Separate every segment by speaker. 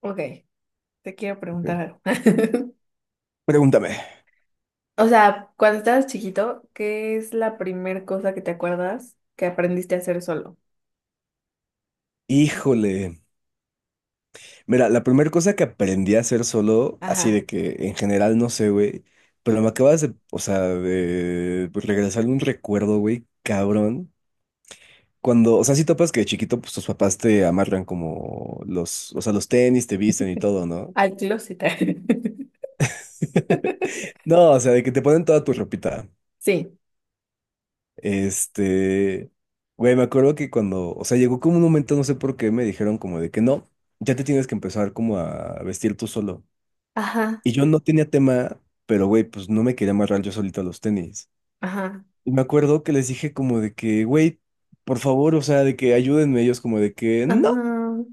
Speaker 1: Ok, te quiero
Speaker 2: Ok.
Speaker 1: preguntar algo.
Speaker 2: Pregúntame.
Speaker 1: O sea, cuando estabas chiquito, ¿qué es la primera cosa que te acuerdas que aprendiste a hacer solo?
Speaker 2: Híjole. Mira, la primera cosa que aprendí a hacer solo, así
Speaker 1: Ajá,
Speaker 2: de que en general no sé, güey, pero me acabas de, o sea, de pues, regresar un recuerdo, güey, cabrón. Cuando, o sea, si topas que de chiquito, pues tus papás te amarran como los, o sea, los tenis, te visten y todo, ¿no?
Speaker 1: al closet.
Speaker 2: No, o sea, de que te ponen toda tu ropita.
Speaker 1: Sí,
Speaker 2: Este, Güey, me acuerdo que cuando, o sea, llegó como un momento, no sé por qué, me dijeron como de que no, ya te tienes que empezar como a vestir tú solo.
Speaker 1: ajá,
Speaker 2: Y yo no tenía tema, pero güey, pues no me quería amarrar yo solito a los tenis.
Speaker 1: ajá,
Speaker 2: Y me acuerdo que les dije como de que, güey, por favor, o sea, de que ayúdenme ellos como de que no.
Speaker 1: ajá,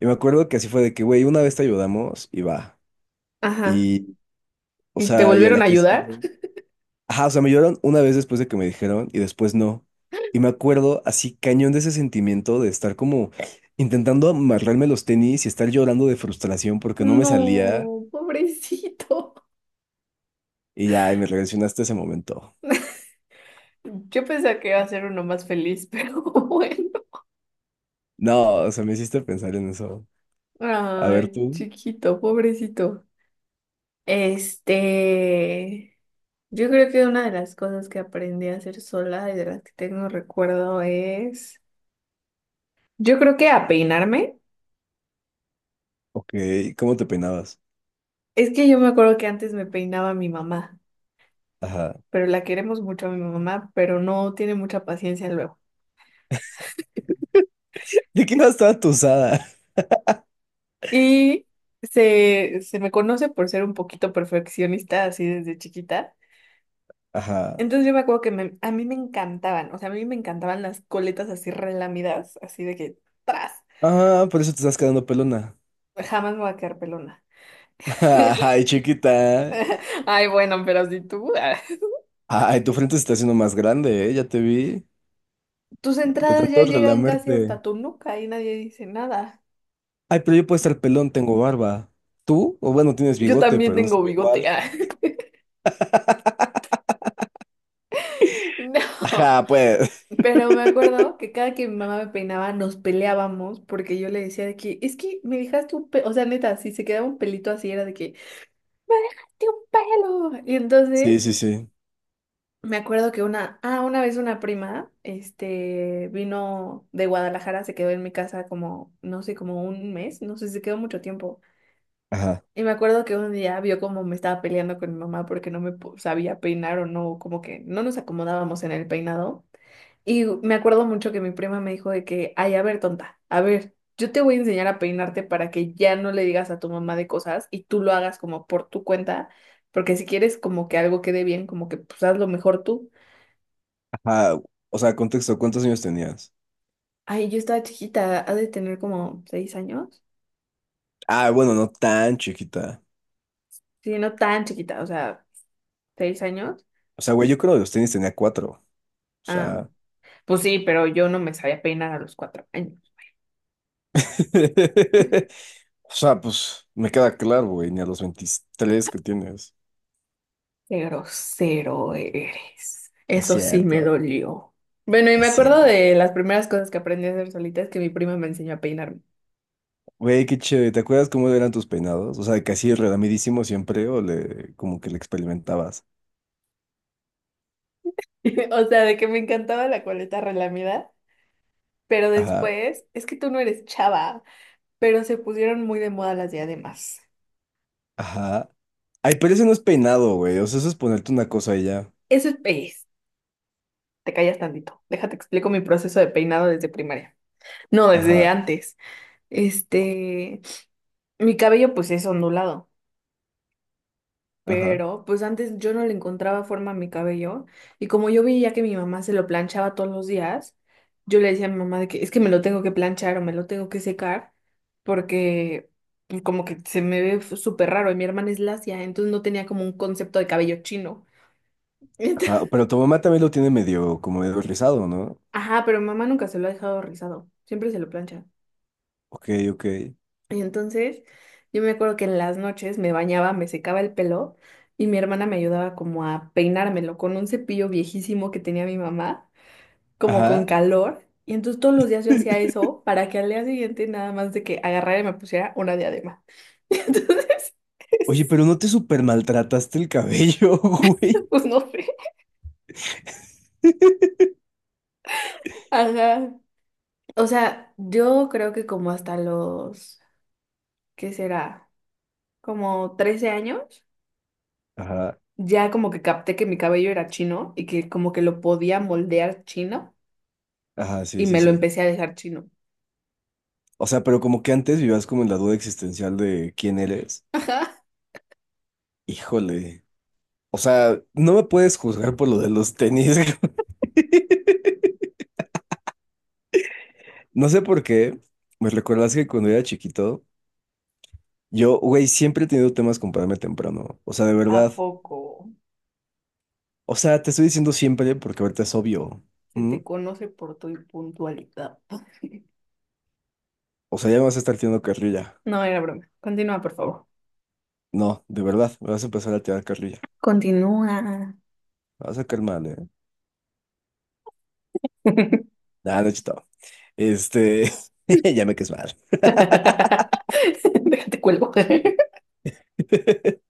Speaker 2: Y me acuerdo que así fue de que, güey, una vez te ayudamos y va.
Speaker 1: ajá.
Speaker 2: Y, o
Speaker 1: ¿Y te
Speaker 2: sea, y a la
Speaker 1: volvieron a
Speaker 2: que
Speaker 1: ayudar?
Speaker 2: sigue. Ajá, o sea, me ayudaron una vez después de que me dijeron y después no. Y me acuerdo así cañón de ese sentimiento de estar como intentando amarrarme los tenis y estar llorando de frustración porque no me salía.
Speaker 1: No, pobrecito.
Speaker 2: Y ya, y me regresionaste ese momento.
Speaker 1: Yo pensé que iba a ser uno más feliz, pero bueno.
Speaker 2: No, o sea, me hiciste pensar en eso. A ver
Speaker 1: Ay,
Speaker 2: tú,
Speaker 1: chiquito, pobrecito. Este... Yo creo que una de las cosas que aprendí a hacer sola y de las que tengo recuerdo es, yo creo que a peinarme.
Speaker 2: ok, ¿cómo te peinabas?
Speaker 1: Es que yo me acuerdo que antes me peinaba mi mamá,
Speaker 2: Ajá.
Speaker 1: pero la queremos mucho a mi mamá, pero no tiene mucha paciencia luego.
Speaker 2: ¿De qué ibas toda tusada?
Speaker 1: Y se me conoce por ser un poquito perfeccionista así desde chiquita.
Speaker 2: Ajá.
Speaker 1: Entonces yo me acuerdo que a mí me encantaban, o sea, a mí me encantaban las coletas así relamidas, así de que, ¡tras!
Speaker 2: Ah, por eso te estás quedando pelona.
Speaker 1: Jamás me voy a quedar pelona.
Speaker 2: Ay, chiquita.
Speaker 1: Ay, bueno, pero si tú.
Speaker 2: Ay, tu frente se está haciendo más grande, ¿eh? Ya te vi.
Speaker 1: Tus
Speaker 2: De
Speaker 1: entradas ya
Speaker 2: tanto
Speaker 1: llegan casi
Speaker 2: relamerte.
Speaker 1: hasta tu nuca y nadie dice nada.
Speaker 2: Ay, pero yo puedo estar pelón, tengo barba. ¿Tú? O bueno, tienes
Speaker 1: Yo
Speaker 2: bigote,
Speaker 1: también
Speaker 2: pero no se
Speaker 1: tengo
Speaker 2: ve
Speaker 1: bigote.
Speaker 2: igual.
Speaker 1: Ah. No,
Speaker 2: Ajá, pues.
Speaker 1: pero me acuerdo que cada que mi mamá me peinaba nos peleábamos porque yo le decía de que es que me dejaste un pelo, o sea, neta, si se quedaba un pelito así era de que me dejaste un pelo. Y
Speaker 2: Sí,
Speaker 1: entonces
Speaker 2: sí, sí.
Speaker 1: me acuerdo que una, una vez una prima, vino de Guadalajara, se quedó en mi casa como, no sé, como un mes, no sé, se quedó mucho tiempo.
Speaker 2: Ajá.
Speaker 1: Y me acuerdo que un día vio cómo me estaba peleando con mi mamá porque no sabía peinar o no, como que no nos acomodábamos en el peinado. Y me acuerdo mucho que mi prima me dijo de que, ay, a ver, tonta, a ver, yo te voy a enseñar a peinarte para que ya no le digas a tu mamá de cosas y tú lo hagas como por tu cuenta, porque si quieres como que algo quede bien, como que pues hazlo mejor tú.
Speaker 2: Ajá. O sea, contexto, ¿cuántos años tenías?
Speaker 1: Ay, yo estaba chiquita, ha de tener como 6 años.
Speaker 2: Ah, bueno, no tan chiquita.
Speaker 1: Sí, no tan chiquita, o sea, 6 años.
Speaker 2: O sea, güey, yo creo que los tenis tenía cuatro. O
Speaker 1: Ah,
Speaker 2: sea,
Speaker 1: pues sí, pero yo no me sabía peinar a los 4 años.
Speaker 2: o sea, pues me queda claro, güey, ni a los 23 que tienes.
Speaker 1: Qué grosero eres.
Speaker 2: No Es
Speaker 1: Eso sí me
Speaker 2: cierto, no
Speaker 1: dolió. Bueno, y me
Speaker 2: es
Speaker 1: acuerdo
Speaker 2: cierto.
Speaker 1: de las primeras cosas que aprendí a hacer solita es que mi prima me enseñó a peinarme.
Speaker 2: Güey, qué chévere. ¿Te acuerdas cómo eran tus peinados? O sea, de que así siempre o le, como que le experimentabas.
Speaker 1: O sea, de que me encantaba la coleta relamida, pero
Speaker 2: Ajá,
Speaker 1: después, es que tú no eres chava, pero se pusieron muy de moda las diademas.
Speaker 2: ajá. Ay, pero ese no es peinado, güey. O sea, eso es ponerte una cosa y ya.
Speaker 1: Eso es pez. Te callas tantito. Déjate explico mi proceso de peinado desde primaria. No, desde
Speaker 2: Ajá,
Speaker 1: antes. Este, mi cabello pues es ondulado.
Speaker 2: ajá,
Speaker 1: Pero pues antes yo no le encontraba forma a mi cabello y como yo veía que mi mamá se lo planchaba todos los días, yo le decía a mi mamá de que es que me lo tengo que planchar o me lo tengo que secar porque pues, como que se me ve súper raro y mi hermana es lacia, entonces no tenía como un concepto de cabello chino.
Speaker 2: ajá.
Speaker 1: Entonces-
Speaker 2: Pero tu mamá también lo tiene medio, como medio rizado, ¿no?
Speaker 1: ajá, pero mamá nunca se lo ha dejado rizado, siempre se lo plancha.
Speaker 2: Ok, ok.
Speaker 1: Y entonces yo me acuerdo que en las noches me bañaba, me secaba el pelo. Y mi hermana me ayudaba como a peinármelo con un cepillo viejísimo que tenía mi mamá, como con
Speaker 2: Ajá.
Speaker 1: calor. Y entonces todos los días yo hacía eso para que al día siguiente nada más de que agarrara y me pusiera una diadema. Y entonces,
Speaker 2: Oye, pero no te super maltrataste el cabello, güey.
Speaker 1: pues no sé. Ajá. O sea, yo creo que como hasta los, ¿qué será? Como 13 años,
Speaker 2: Ajá.
Speaker 1: ya como que capté que mi cabello era chino y que como que lo podía moldear chino
Speaker 2: Ajá, sí,
Speaker 1: y
Speaker 2: sí,
Speaker 1: me lo
Speaker 2: sí.
Speaker 1: empecé a dejar chino.
Speaker 2: O sea, pero como que antes vivías como en la duda existencial de quién eres. Híjole. O sea, no me puedes juzgar por lo de los tenis. No sé por qué. Me recuerdas que cuando era chiquito, yo, güey, siempre he tenido temas con pararme temprano. O sea, de
Speaker 1: ¿A
Speaker 2: verdad.
Speaker 1: poco?
Speaker 2: O sea, te estoy diciendo siempre porque ahorita es obvio.
Speaker 1: Se
Speaker 2: ¿Mm?
Speaker 1: te conoce por tu puntualidad.
Speaker 2: O sea, ya me vas a estar tirando carrilla.
Speaker 1: No era broma. Continúa, por favor.
Speaker 2: No, de verdad, me vas a empezar a tirar carrilla.
Speaker 1: Continúa.
Speaker 2: Me vas a caer mal, ¿eh? Nada, no he chutado. Este, ya me caes mal.
Speaker 1: Déjate cuelgo.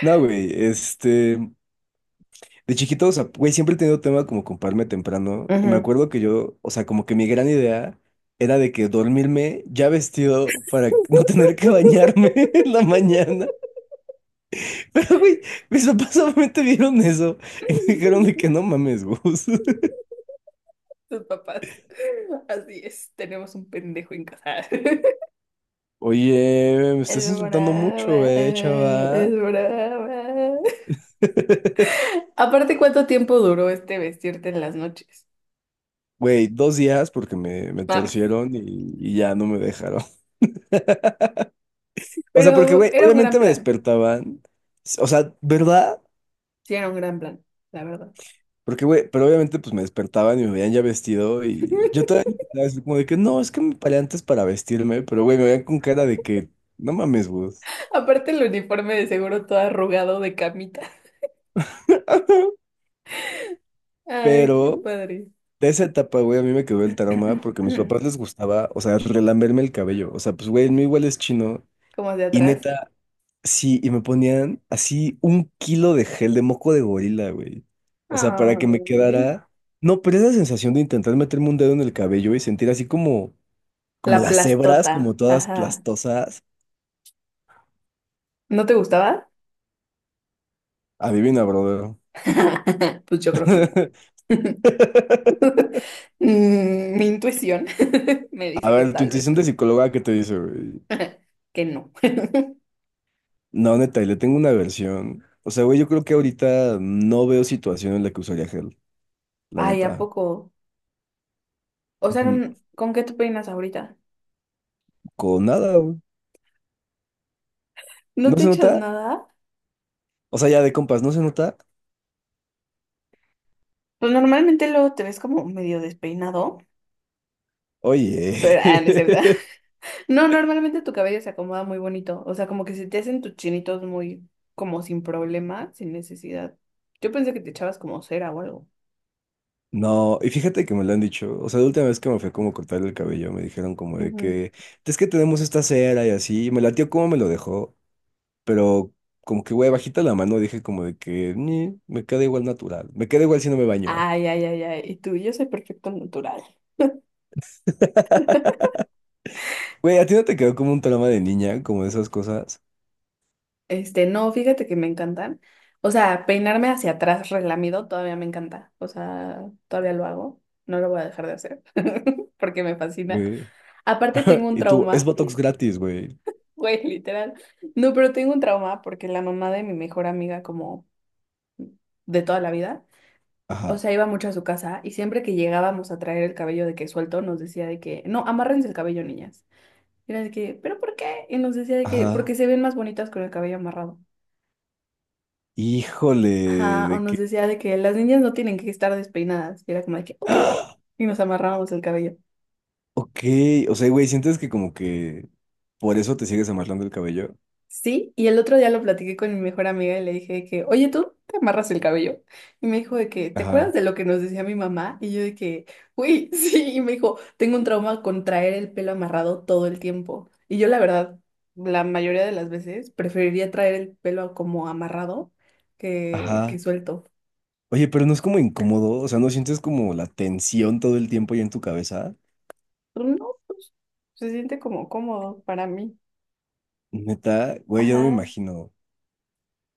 Speaker 2: No, güey, de chiquito, o sea, güey, siempre he tenido tema como con pararme temprano y me
Speaker 1: Ujú.
Speaker 2: acuerdo que yo, o sea, como que mi gran idea era de que dormirme ya vestido para no tener que bañarme en la mañana. Pero, güey, mis papás solamente vieron eso y me dijeron de que no mames, Gus.
Speaker 1: Tus papás. Así es, tenemos un pendejo en casa.
Speaker 2: Oye, me
Speaker 1: Es
Speaker 2: estás insultando
Speaker 1: brava,
Speaker 2: mucho,
Speaker 1: es
Speaker 2: chava.
Speaker 1: brava. Aparte, ¿cuánto tiempo duró este vestirte en las noches?
Speaker 2: Güey, dos días porque me
Speaker 1: Ah,
Speaker 2: torcieron y ya no me dejaron. O sea, porque,
Speaker 1: pero
Speaker 2: güey,
Speaker 1: era un gran
Speaker 2: obviamente me
Speaker 1: plan.
Speaker 2: despertaban. O sea, ¿verdad?
Speaker 1: Sí, era un gran plan, la verdad.
Speaker 2: Porque, güey, pero obviamente pues me despertaban y me veían ya vestido y yo todavía estaba así como de que no, es que me paré antes para vestirme, pero, güey, me veían con cara de que no mames, vos.
Speaker 1: Aparte, el uniforme de seguro todo arrugado de camita. Ay, qué
Speaker 2: Pero
Speaker 1: padre.
Speaker 2: de esa etapa, güey, a mí me quedó el trauma porque a mis papás les gustaba, o sea, relamberme el cabello. O sea, pues, güey, el mío igual es chino.
Speaker 1: Como de
Speaker 2: Y
Speaker 1: atrás.
Speaker 2: neta, sí, y me ponían así un kilo de gel de moco de gorila, güey. O sea, para que me
Speaker 1: Ay,
Speaker 2: quedara. No, pero esa sensación de intentar meterme un dedo en el cabello y sentir así como,
Speaker 1: la
Speaker 2: como las hebras, como
Speaker 1: plastota,
Speaker 2: todas
Speaker 1: ajá.
Speaker 2: plastosas.
Speaker 1: ¿No te gustaba?
Speaker 2: Adivina, brother.
Speaker 1: Pues yo creo que no. Mm, mi intuición me
Speaker 2: A
Speaker 1: dice que
Speaker 2: ver, tu
Speaker 1: tal vez
Speaker 2: intuición de
Speaker 1: no,
Speaker 2: psicóloga, ¿qué te dice, güey?
Speaker 1: que no.
Speaker 2: No, neta, y le tengo una versión. O sea, güey, yo creo que ahorita no veo situación en la que usaría gel, la
Speaker 1: Ay, ¿a
Speaker 2: neta.
Speaker 1: poco? O sea,
Speaker 2: Ujú.
Speaker 1: ¿con qué te peinas ahorita?
Speaker 2: Con nada, güey.
Speaker 1: ¿No
Speaker 2: ¿No
Speaker 1: te
Speaker 2: se
Speaker 1: echas
Speaker 2: nota?
Speaker 1: nada?
Speaker 2: O sea, ya de compas, ¿no se nota?
Speaker 1: Pues normalmente luego te ves como medio despeinado, pero
Speaker 2: Oye,
Speaker 1: no es cierto. No, normalmente tu cabello se acomoda muy bonito. O sea, como que se te hacen tus chinitos muy, como sin problema, sin necesidad. Yo pensé que te echabas como cera o algo.
Speaker 2: no, y fíjate que me lo han dicho, o sea, la última vez que me fue como a cortar el cabello, me dijeron como de
Speaker 1: Ujú.
Speaker 2: que, es que tenemos esta cera y así, y me latió como me lo dejó, pero como que, güey, bajita la mano dije como de que, "Ni, me queda igual natural, me queda igual si no me baño".
Speaker 1: Ay, ay, ay, ay. Y tú, yo soy perfecto al natural.
Speaker 2: Güey, ¿a ti no te quedó como un trauma de niña, como de esas cosas?
Speaker 1: No, fíjate que me encantan. O sea, peinarme hacia atrás relamido todavía me encanta. O sea, todavía lo hago. No lo voy a dejar de hacer porque me fascina.
Speaker 2: Que-
Speaker 1: Aparte tengo un
Speaker 2: Y tú, es
Speaker 1: trauma,
Speaker 2: Botox gratis, güey.
Speaker 1: güey, literal. No, pero tengo un trauma porque la mamá de mi mejor amiga como de toda la vida. O
Speaker 2: Ajá,
Speaker 1: sea, iba mucho a su casa y siempre que llegábamos a traer el cabello de que suelto, nos decía de que, no, amárrense el cabello, niñas. Y era de que, ¿pero por qué? Y nos decía de que,
Speaker 2: ajá.
Speaker 1: porque se ven más bonitas con el cabello amarrado.
Speaker 2: Híjole,
Speaker 1: Ajá, o
Speaker 2: de
Speaker 1: nos
Speaker 2: que...
Speaker 1: decía de que las niñas no tienen que estar despeinadas. Y era como de que, ok. Y nos amarrábamos el cabello.
Speaker 2: Ok, o sea, güey, ¿sientes que como que por eso te sigues amarrando el cabello?
Speaker 1: Sí, y el otro día lo platiqué con mi mejor amiga y le dije que, oye, tú te amarras el cabello. Y me dijo de que, ¿te acuerdas
Speaker 2: Ajá,
Speaker 1: de lo que nos decía mi mamá? Y yo de que, uy, sí, y me dijo, tengo un trauma con traer el pelo amarrado todo el tiempo. Y yo la verdad, la mayoría de las veces preferiría traer el pelo como amarrado que
Speaker 2: ajá.
Speaker 1: suelto.
Speaker 2: Oye, pero no es como incómodo, o sea, no sientes como la tensión todo el tiempo ya en tu cabeza.
Speaker 1: Pero no, pues se siente como cómodo para mí.
Speaker 2: Neta, güey, yo no me
Speaker 1: Ajá,
Speaker 2: imagino.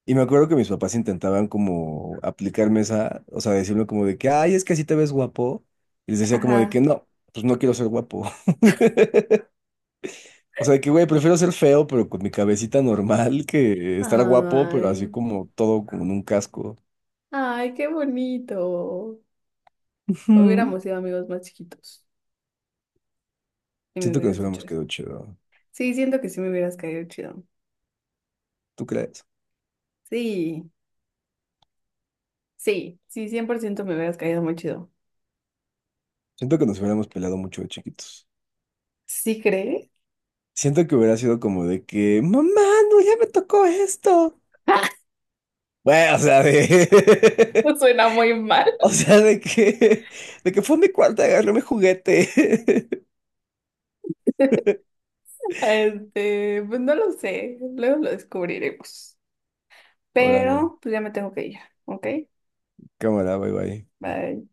Speaker 2: Y me acuerdo que mis papás intentaban como aplicarme esa, o sea, decirme como de que, ay, es que así te ves guapo. Y les decía como de que
Speaker 1: ajá.
Speaker 2: no, pues no quiero ser guapo. O sea, de que, güey, prefiero ser feo, pero con mi cabecita normal, que estar guapo, pero así
Speaker 1: Ay,
Speaker 2: como todo con un casco.
Speaker 1: ay, qué bonito.
Speaker 2: Ujú.
Speaker 1: Hubiéramos sido amigos más chiquitos, si me
Speaker 2: Siento que nos
Speaker 1: hubieras dicho
Speaker 2: hubiéramos quedado
Speaker 1: eso.
Speaker 2: chido.
Speaker 1: Sí, siento que sí me hubieras caído chido.
Speaker 2: ¿Tú crees?
Speaker 1: Sí, sí, sí, 100% me hubieras caído muy chido.
Speaker 2: Siento que nos hubiéramos peleado mucho de chiquitos.
Speaker 1: ¿Sí crees?
Speaker 2: Siento que hubiera sido como de que, mamá, no, ya me tocó esto. Bueno, o sea, de...
Speaker 1: Suena muy mal.
Speaker 2: O sea, de que... De que fue a mi cuarto, agarré mi juguete.
Speaker 1: Pues no lo sé, luego lo descubriremos.
Speaker 2: Órale,
Speaker 1: Pero pues ya me tengo que ir, ¿ok?
Speaker 2: cámara, bye bye.
Speaker 1: Bye.